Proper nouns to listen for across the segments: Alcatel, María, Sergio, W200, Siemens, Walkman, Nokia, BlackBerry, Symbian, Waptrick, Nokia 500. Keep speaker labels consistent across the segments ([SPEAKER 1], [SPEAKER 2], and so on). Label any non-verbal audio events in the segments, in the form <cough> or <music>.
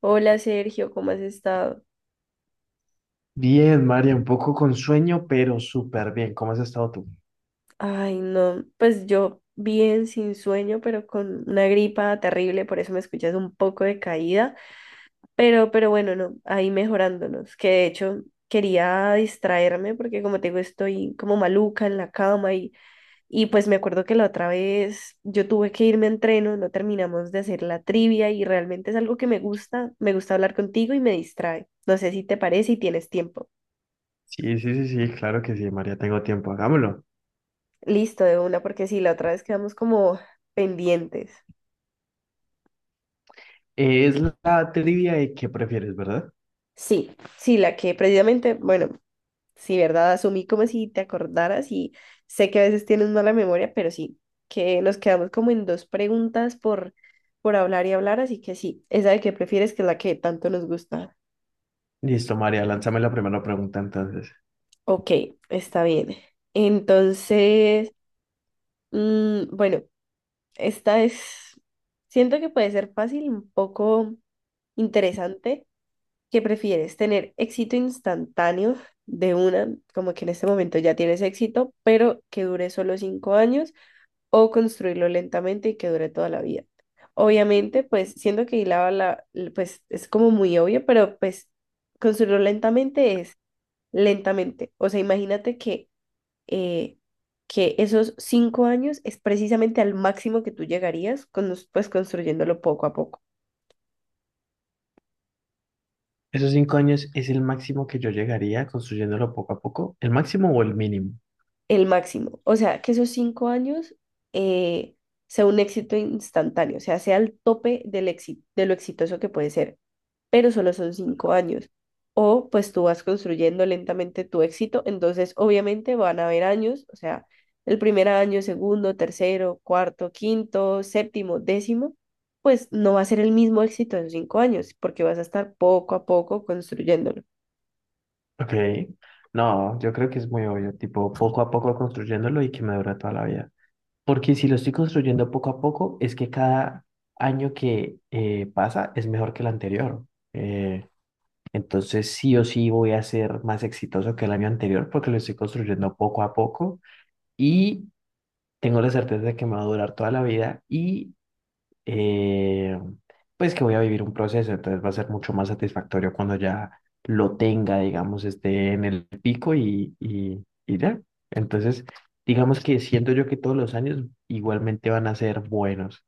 [SPEAKER 1] Hola Sergio, ¿cómo has estado?
[SPEAKER 2] Bien, María, un poco con sueño, pero súper bien. ¿Cómo has estado tú?
[SPEAKER 1] Ay, no, pues yo bien, sin sueño, pero con una gripa terrible, por eso me escuchas un poco de caída, pero bueno, no, ahí mejorándonos, que de hecho quería distraerme porque como te digo, estoy como maluca en la cama y pues me acuerdo que la otra vez yo tuve que irme a entreno, no terminamos de hacer la trivia y realmente es algo que me gusta hablar contigo y me distrae. No sé si te parece y tienes tiempo.
[SPEAKER 2] Sí, sí, sí, sí, claro que sí, María, tengo tiempo, hagámoslo.
[SPEAKER 1] Listo, de una, porque sí, la otra vez quedamos como pendientes.
[SPEAKER 2] Es la trivia de qué prefieres, ¿verdad?
[SPEAKER 1] Sí, sí, la que precisamente, bueno, sí, ¿verdad? Asumí como si te acordaras y sé que a veces tienes mala memoria, pero sí, que nos quedamos como en dos preguntas por hablar y hablar, así que sí, esa de que prefieres que es la que tanto nos gusta.
[SPEAKER 2] Listo, María, lánzame la primera pregunta entonces.
[SPEAKER 1] Ok, está bien. Entonces, bueno, esta es, siento que puede ser fácil, un poco interesante. ¿Qué prefieres? ¿Tener éxito instantáneo de una, como que en este momento ya tienes éxito, pero que dure solo 5 años, o construirlo lentamente y que dure toda la vida? Obviamente, pues siendo que hilaba pues es como muy obvio, pero pues construirlo lentamente es lentamente. O sea, imagínate eh, que esos 5 años es precisamente al máximo que tú llegarías, con, pues construyéndolo poco a poco.
[SPEAKER 2] ¿Esos cinco años es el máximo que yo llegaría construyéndolo poco a poco? ¿El máximo o el mínimo?
[SPEAKER 1] El máximo. O sea, que esos cinco años eh, sea un éxito instantáneo, o sea, sea el tope del éxito, de lo exitoso que puede ser, pero solo son 5 años. O pues tú vas construyendo lentamente tu éxito, entonces obviamente van a haber años, o sea, el primer año, segundo, tercero, cuarto, quinto, séptimo, décimo, pues no va a ser el mismo éxito en 5 años, porque vas a estar poco a poco construyéndolo.
[SPEAKER 2] Ok. No, yo creo que es muy obvio, tipo poco a poco construyéndolo y que me dura toda la vida. Porque si lo estoy construyendo poco a poco, es que cada año que pasa es mejor que el anterior. Eh, Entonces sí o sí voy a ser más exitoso que el año anterior porque lo estoy construyendo poco a poco y tengo la certeza de que me va a durar toda la vida y eh, pues que voy a vivir un proceso. Entonces va a ser mucho más satisfactorio cuando ya lo tenga, digamos, esté en el pico y ya. Entonces, digamos que siento yo que todos los años igualmente van a ser buenos,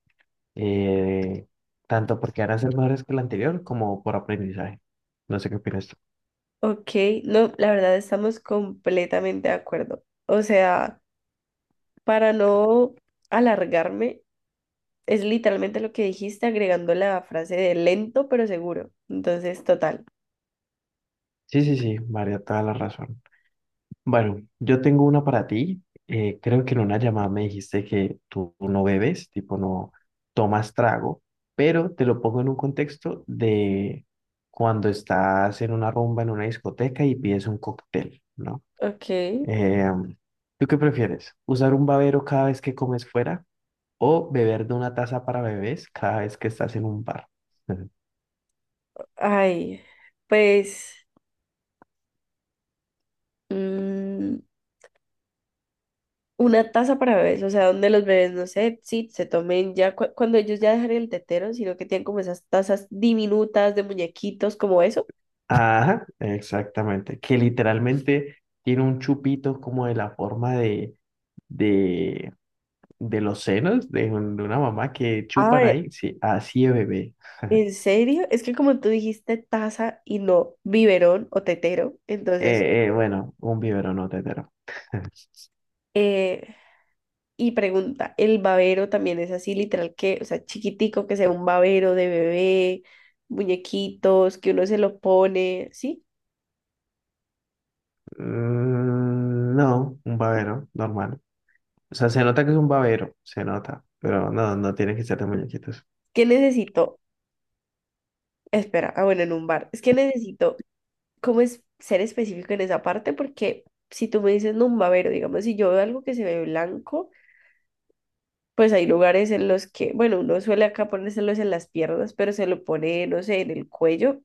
[SPEAKER 2] eh, tanto porque van a ser mejores que el anterior como por aprendizaje. No sé qué opinas tú.
[SPEAKER 1] Ok, no, la verdad estamos completamente de acuerdo. O sea, para no alargarme, es literalmente lo que dijiste agregando la frase de lento pero seguro. Entonces, total.
[SPEAKER 2] Sí, sí, sí, María, toda la razón. Bueno, yo tengo una para ti. Creo que en una llamada me dijiste que tú no bebes, tipo no tomas trago, pero te lo pongo en un contexto de cuando estás en una rumba, en una discoteca y pides un cóctel, ¿no?
[SPEAKER 1] Ok,
[SPEAKER 2] Em, ¿Tú qué prefieres? ¿Usar un babero cada vez que comes fuera o beber de una taza para bebés cada vez que estás en un bar? <laughs>
[SPEAKER 1] ay, pues mm, una taza para bebés, o sea, donde los bebés, no sé, sí, se tomen ya cuando ellos ya dejan el tetero, sino que tienen como esas tazas diminutas de muñequitos, como eso.
[SPEAKER 2] Ajá, exactamente. Que literalmente tiene un chupito como de la forma de, de los senos de, de una mamá que chupan
[SPEAKER 1] Ah,
[SPEAKER 2] ahí. Sí, así es bebé. <laughs>
[SPEAKER 1] ¿en serio? Es que como tú dijiste taza y no biberón o tetero, entonces,
[SPEAKER 2] Bueno, un biberón no tetero. <laughs>
[SPEAKER 1] eh, y pregunta, ¿el babero también es así, literal que, o sea, chiquitico, que sea un babero de bebé, muñequitos, que uno se lo pone, sí?
[SPEAKER 2] No, un babero, normal. O sea, se nota que es un babero, se nota. Pero no, no tiene que ser de muñequitos.
[SPEAKER 1] ¿Qué necesito? Espera, ah, bueno, en un bar. Es que necesito, ¿cómo es ser específico en esa parte? Porque si tú me dices, no, un babero, digamos, si yo veo algo que se ve blanco, pues hay lugares en los que, bueno, uno suele acá ponérselos en las piernas, pero se lo pone, no sé, en el cuello,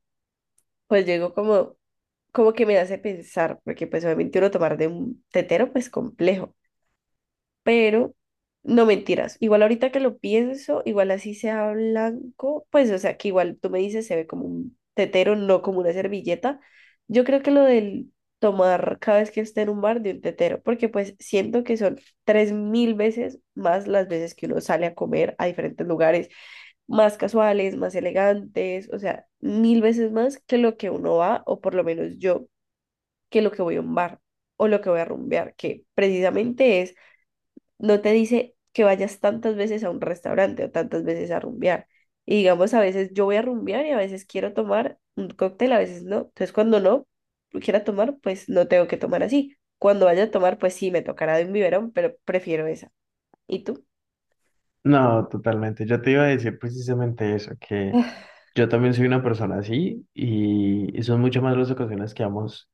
[SPEAKER 1] pues llego como que me hace pensar, porque pues obviamente uno tomar de un tetero, pues complejo pero no mentiras. Igual ahorita que lo pienso, igual así sea blanco, pues o sea que igual tú me dices se ve como un tetero, no como una servilleta. Yo creo que lo del tomar cada vez que esté en un bar de un tetero, porque pues siento que son tres mil veces más las veces que uno sale a comer a diferentes lugares, más casuales, más elegantes, o sea, mil veces más que lo que uno va, o por lo menos yo, que lo que voy a un bar o lo que voy a rumbear, que precisamente es no te dice que vayas tantas veces a un restaurante o tantas veces a rumbear. Y digamos, a veces yo voy a rumbear y a veces quiero tomar un cóctel, a veces no. Entonces, cuando no quiera tomar, pues no tengo que tomar así. Cuando vaya a tomar, pues sí, me tocará de un biberón, pero prefiero esa. ¿Y tú?
[SPEAKER 2] No, totalmente. Yo te iba a decir precisamente eso. Yo también soy una persona así y son mucho más las ocasiones que vamos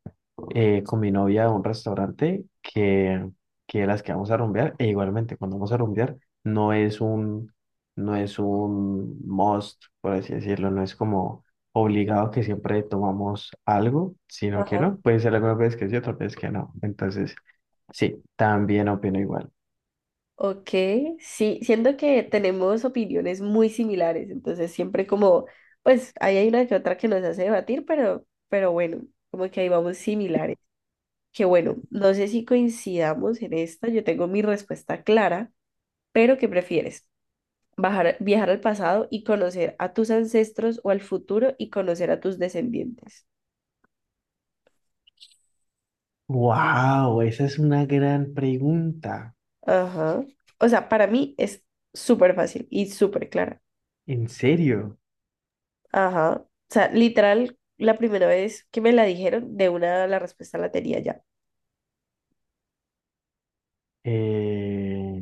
[SPEAKER 2] con mi novia a un restaurante que las que vamos a rumbear. E igualmente, cuando vamos a rumbear, no es un, no es un must, por así decirlo, no es como obligado que siempre tomamos algo, sino que
[SPEAKER 1] Ajá.
[SPEAKER 2] no, puede ser alguna vez que sí, otra vez que no. Entonces, sí, también opino igual.
[SPEAKER 1] Ok, sí, siento que tenemos opiniones muy similares, entonces siempre como, pues ahí hay una que otra que nos hace debatir, pero bueno, como que ahí vamos similares. Que bueno, no sé si coincidamos en esta, yo tengo mi respuesta clara, pero ¿qué prefieres? Viajar al pasado y conocer a tus ancestros o al futuro y conocer a tus descendientes?
[SPEAKER 2] Wow, esa es una gran pregunta.
[SPEAKER 1] Ajá. O sea, para mí es súper fácil y súper clara.
[SPEAKER 2] ¿En serio?
[SPEAKER 1] Ajá. O sea, literal, la primera vez que me la dijeron, de una la respuesta la tenía ya.
[SPEAKER 2] Eh,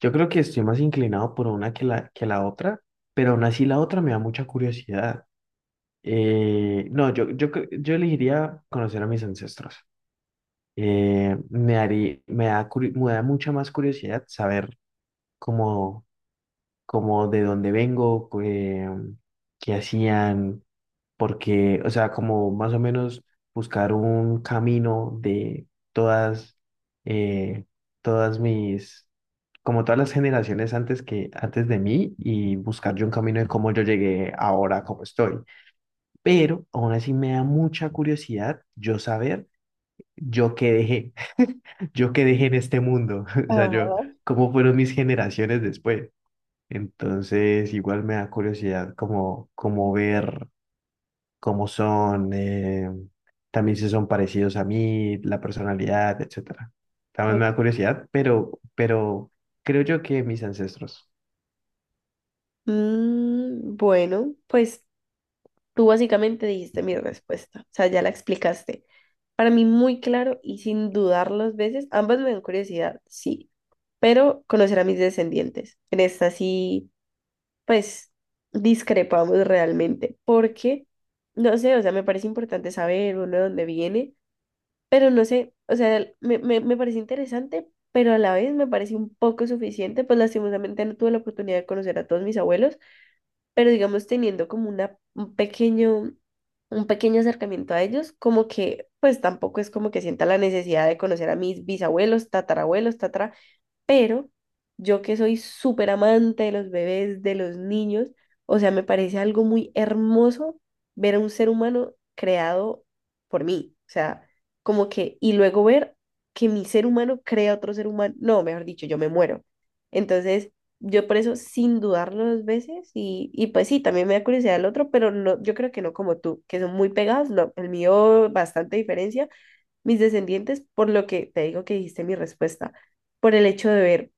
[SPEAKER 2] Yo creo que estoy más inclinado por una que la otra, pero aún así la otra me da mucha curiosidad. No, yo elegiría conocer a mis ancestros. Me haría, me da mucha más curiosidad saber cómo, cómo de dónde vengo, qué hacían, porque, o sea, como más o menos buscar un camino de todas, eh, todas mis como todas las generaciones antes que antes de mí y buscar yo un camino de cómo yo llegué ahora como estoy. Pero aún así me da mucha curiosidad yo saber yo qué dejé, <laughs> yo qué dejé en este mundo, <laughs> o sea, yo
[SPEAKER 1] Ajá.
[SPEAKER 2] cómo fueron mis generaciones después. Entonces, igual me da curiosidad como ver cómo son también si son parecidos a mí, la personalidad, etcétera. También
[SPEAKER 1] Ok.
[SPEAKER 2] me da curiosidad, pero creo yo que mis ancestros.
[SPEAKER 1] Bueno, pues tú básicamente dijiste mi respuesta, o sea, ya la explicaste. Para mí muy claro y sin dudar dos veces, ambas me dan curiosidad, sí, pero conocer a mis descendientes. En esta sí, pues discrepamos realmente, porque, no sé, o sea, me parece importante saber uno de dónde viene, pero no sé, o sea, me parece interesante, pero a la vez me parece un poco suficiente, pues lastimosamente no tuve la oportunidad de conocer a todos mis abuelos pero digamos teniendo como un pequeño acercamiento a ellos, como que pues tampoco es como que sienta la necesidad de conocer a mis bisabuelos, tatarabuelos, tatara, pero yo que soy súper amante de los bebés, de los niños, o sea, me parece algo muy hermoso ver a un ser humano creado por mí, o sea, como que, y luego ver que mi ser humano crea otro ser humano, no, mejor dicho, yo me muero. Entonces, yo por eso, sin dudarlo dos veces, y pues sí, también me da curiosidad el otro, pero no, yo creo que no como tú, que son muy pegados, no, el mío bastante diferencia, mis descendientes, por lo que te digo que dijiste mi respuesta, por el hecho de ver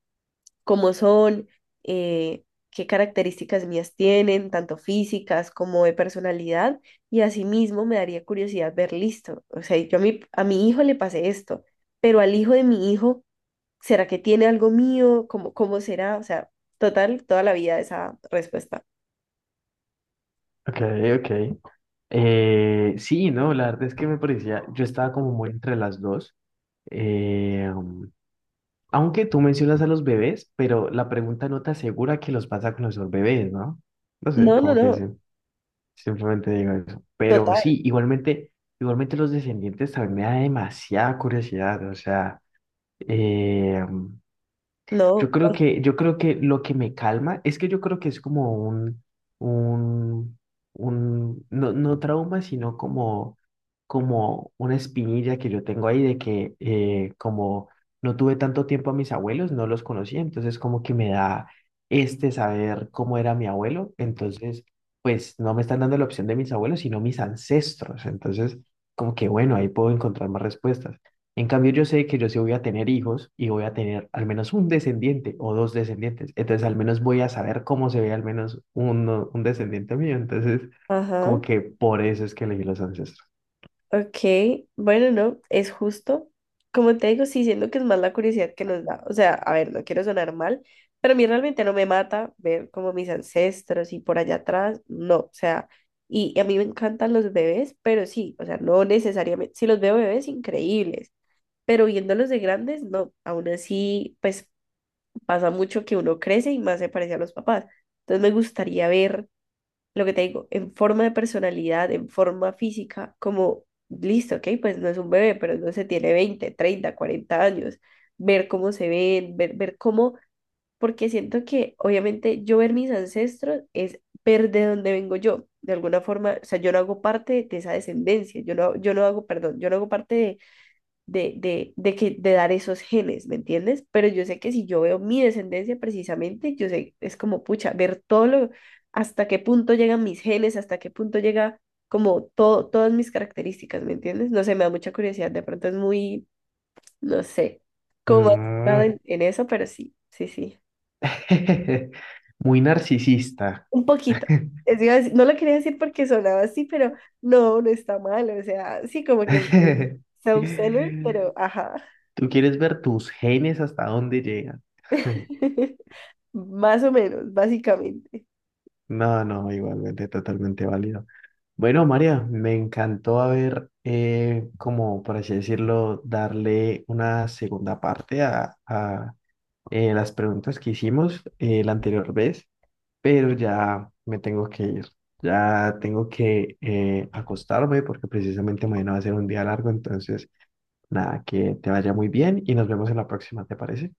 [SPEAKER 1] cómo son, eh, qué características mías tienen, tanto físicas como de personalidad, y asimismo me daría curiosidad ver listo. O sea, yo a mi hijo le pasé esto, pero al hijo de mi hijo, ¿será que tiene algo mío? ¿Cómo será? O sea, total, toda la vida esa respuesta.
[SPEAKER 2] Ok, ok. Sí, no, la verdad es que me parecía, yo estaba como muy entre las dos. Eh, um, Aunque tú mencionas a los bebés, pero la pregunta no te asegura que los vas a conocer bebés, ¿no? No sé,
[SPEAKER 1] No, no,
[SPEAKER 2] como que sí,
[SPEAKER 1] no,
[SPEAKER 2] simplemente digo eso. Pero
[SPEAKER 1] total,
[SPEAKER 2] sí, igualmente los descendientes también me da demasiada curiosidad, o sea, eh, yo
[SPEAKER 1] no,
[SPEAKER 2] creo que, lo que me calma es que yo creo que es como un, un, no, no trauma, sino como una espinilla que yo tengo ahí de que como no tuve tanto tiempo a mis abuelos, no los conocía, entonces como que me da este saber cómo era mi abuelo, entonces pues no me están dando la opción de mis abuelos, sino mis ancestros, entonces como que bueno, ahí puedo encontrar más respuestas. En cambio, yo sé que yo sí voy a tener hijos y voy a tener al menos un descendiente o dos descendientes. Entonces, al menos voy a saber cómo se ve al menos uno, un descendiente mío. Entonces, como
[SPEAKER 1] ajá.
[SPEAKER 2] que por eso es que elegí los ancestros.
[SPEAKER 1] Ok, bueno, no, es justo. Como te digo, sí siento que es más la curiosidad que nos da. O sea, a ver, no quiero sonar mal, pero a mí realmente no me mata ver como mis ancestros y por allá atrás, no, o sea, y a mí me encantan los bebés, pero sí, o sea, no necesariamente, si los veo bebés, increíbles, pero viéndolos de grandes, no, aún así, pues pasa mucho que uno crece y más se parece a los papás. Entonces me gustaría ver lo que te digo, en forma de personalidad, en forma física, como, listo, ok, pues no es un bebé, pero no se tiene 20 30 40 años, ver cómo se ven, ver cómo, porque siento que obviamente yo ver mis ancestros es ver de dónde vengo yo, de alguna forma, o sea, yo no hago parte de esa descendencia, yo no, yo no hago, perdón, yo no hago parte de de dar esos genes, ¿me entiendes? Pero yo sé que si yo veo mi descendencia precisamente, yo sé, es como, pucha, ver todo lo, hasta qué punto llegan mis genes, hasta qué punto llega como todo, todas mis características, ¿me entiendes? No sé, me da mucha curiosidad, de pronto es muy, no sé, como más centrado
[SPEAKER 2] Mm.
[SPEAKER 1] en eso, pero sí, sí, sí,
[SPEAKER 2] <laughs> Muy narcisista.
[SPEAKER 1] un poquito.
[SPEAKER 2] <laughs>
[SPEAKER 1] Es iba a decir- No lo quería decir porque sonaba así, pero no, no está mal, o sea, sí, como que self-centered, pero ajá.
[SPEAKER 2] ¿Tú quieres ver tus genes hasta dónde llegan? <laughs>
[SPEAKER 1] <laughs> Más o menos, básicamente.
[SPEAKER 2] No, no, igualmente totalmente válido. Bueno, María, me encantó haber, como por así decirlo, darle una segunda parte a, las preguntas que hicimos la anterior vez, pero ya me tengo que ir. Ya tengo que acostarme porque precisamente mañana va a ser un día largo, entonces nada, que te vaya muy bien y nos vemos en la próxima, ¿te parece?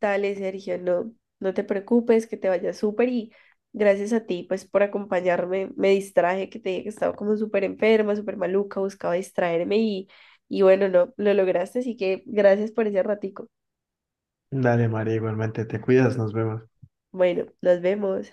[SPEAKER 1] Dale, Sergio, no, no te preocupes, que te vaya súper y gracias a ti, pues, por acompañarme. Me distraje, que te dije que estaba como súper enferma, súper maluca, buscaba distraerme y bueno, no, lo lograste, así que gracias por ese ratico.
[SPEAKER 2] Dale, María, igualmente te cuidas, nos vemos.
[SPEAKER 1] Bueno, nos vemos.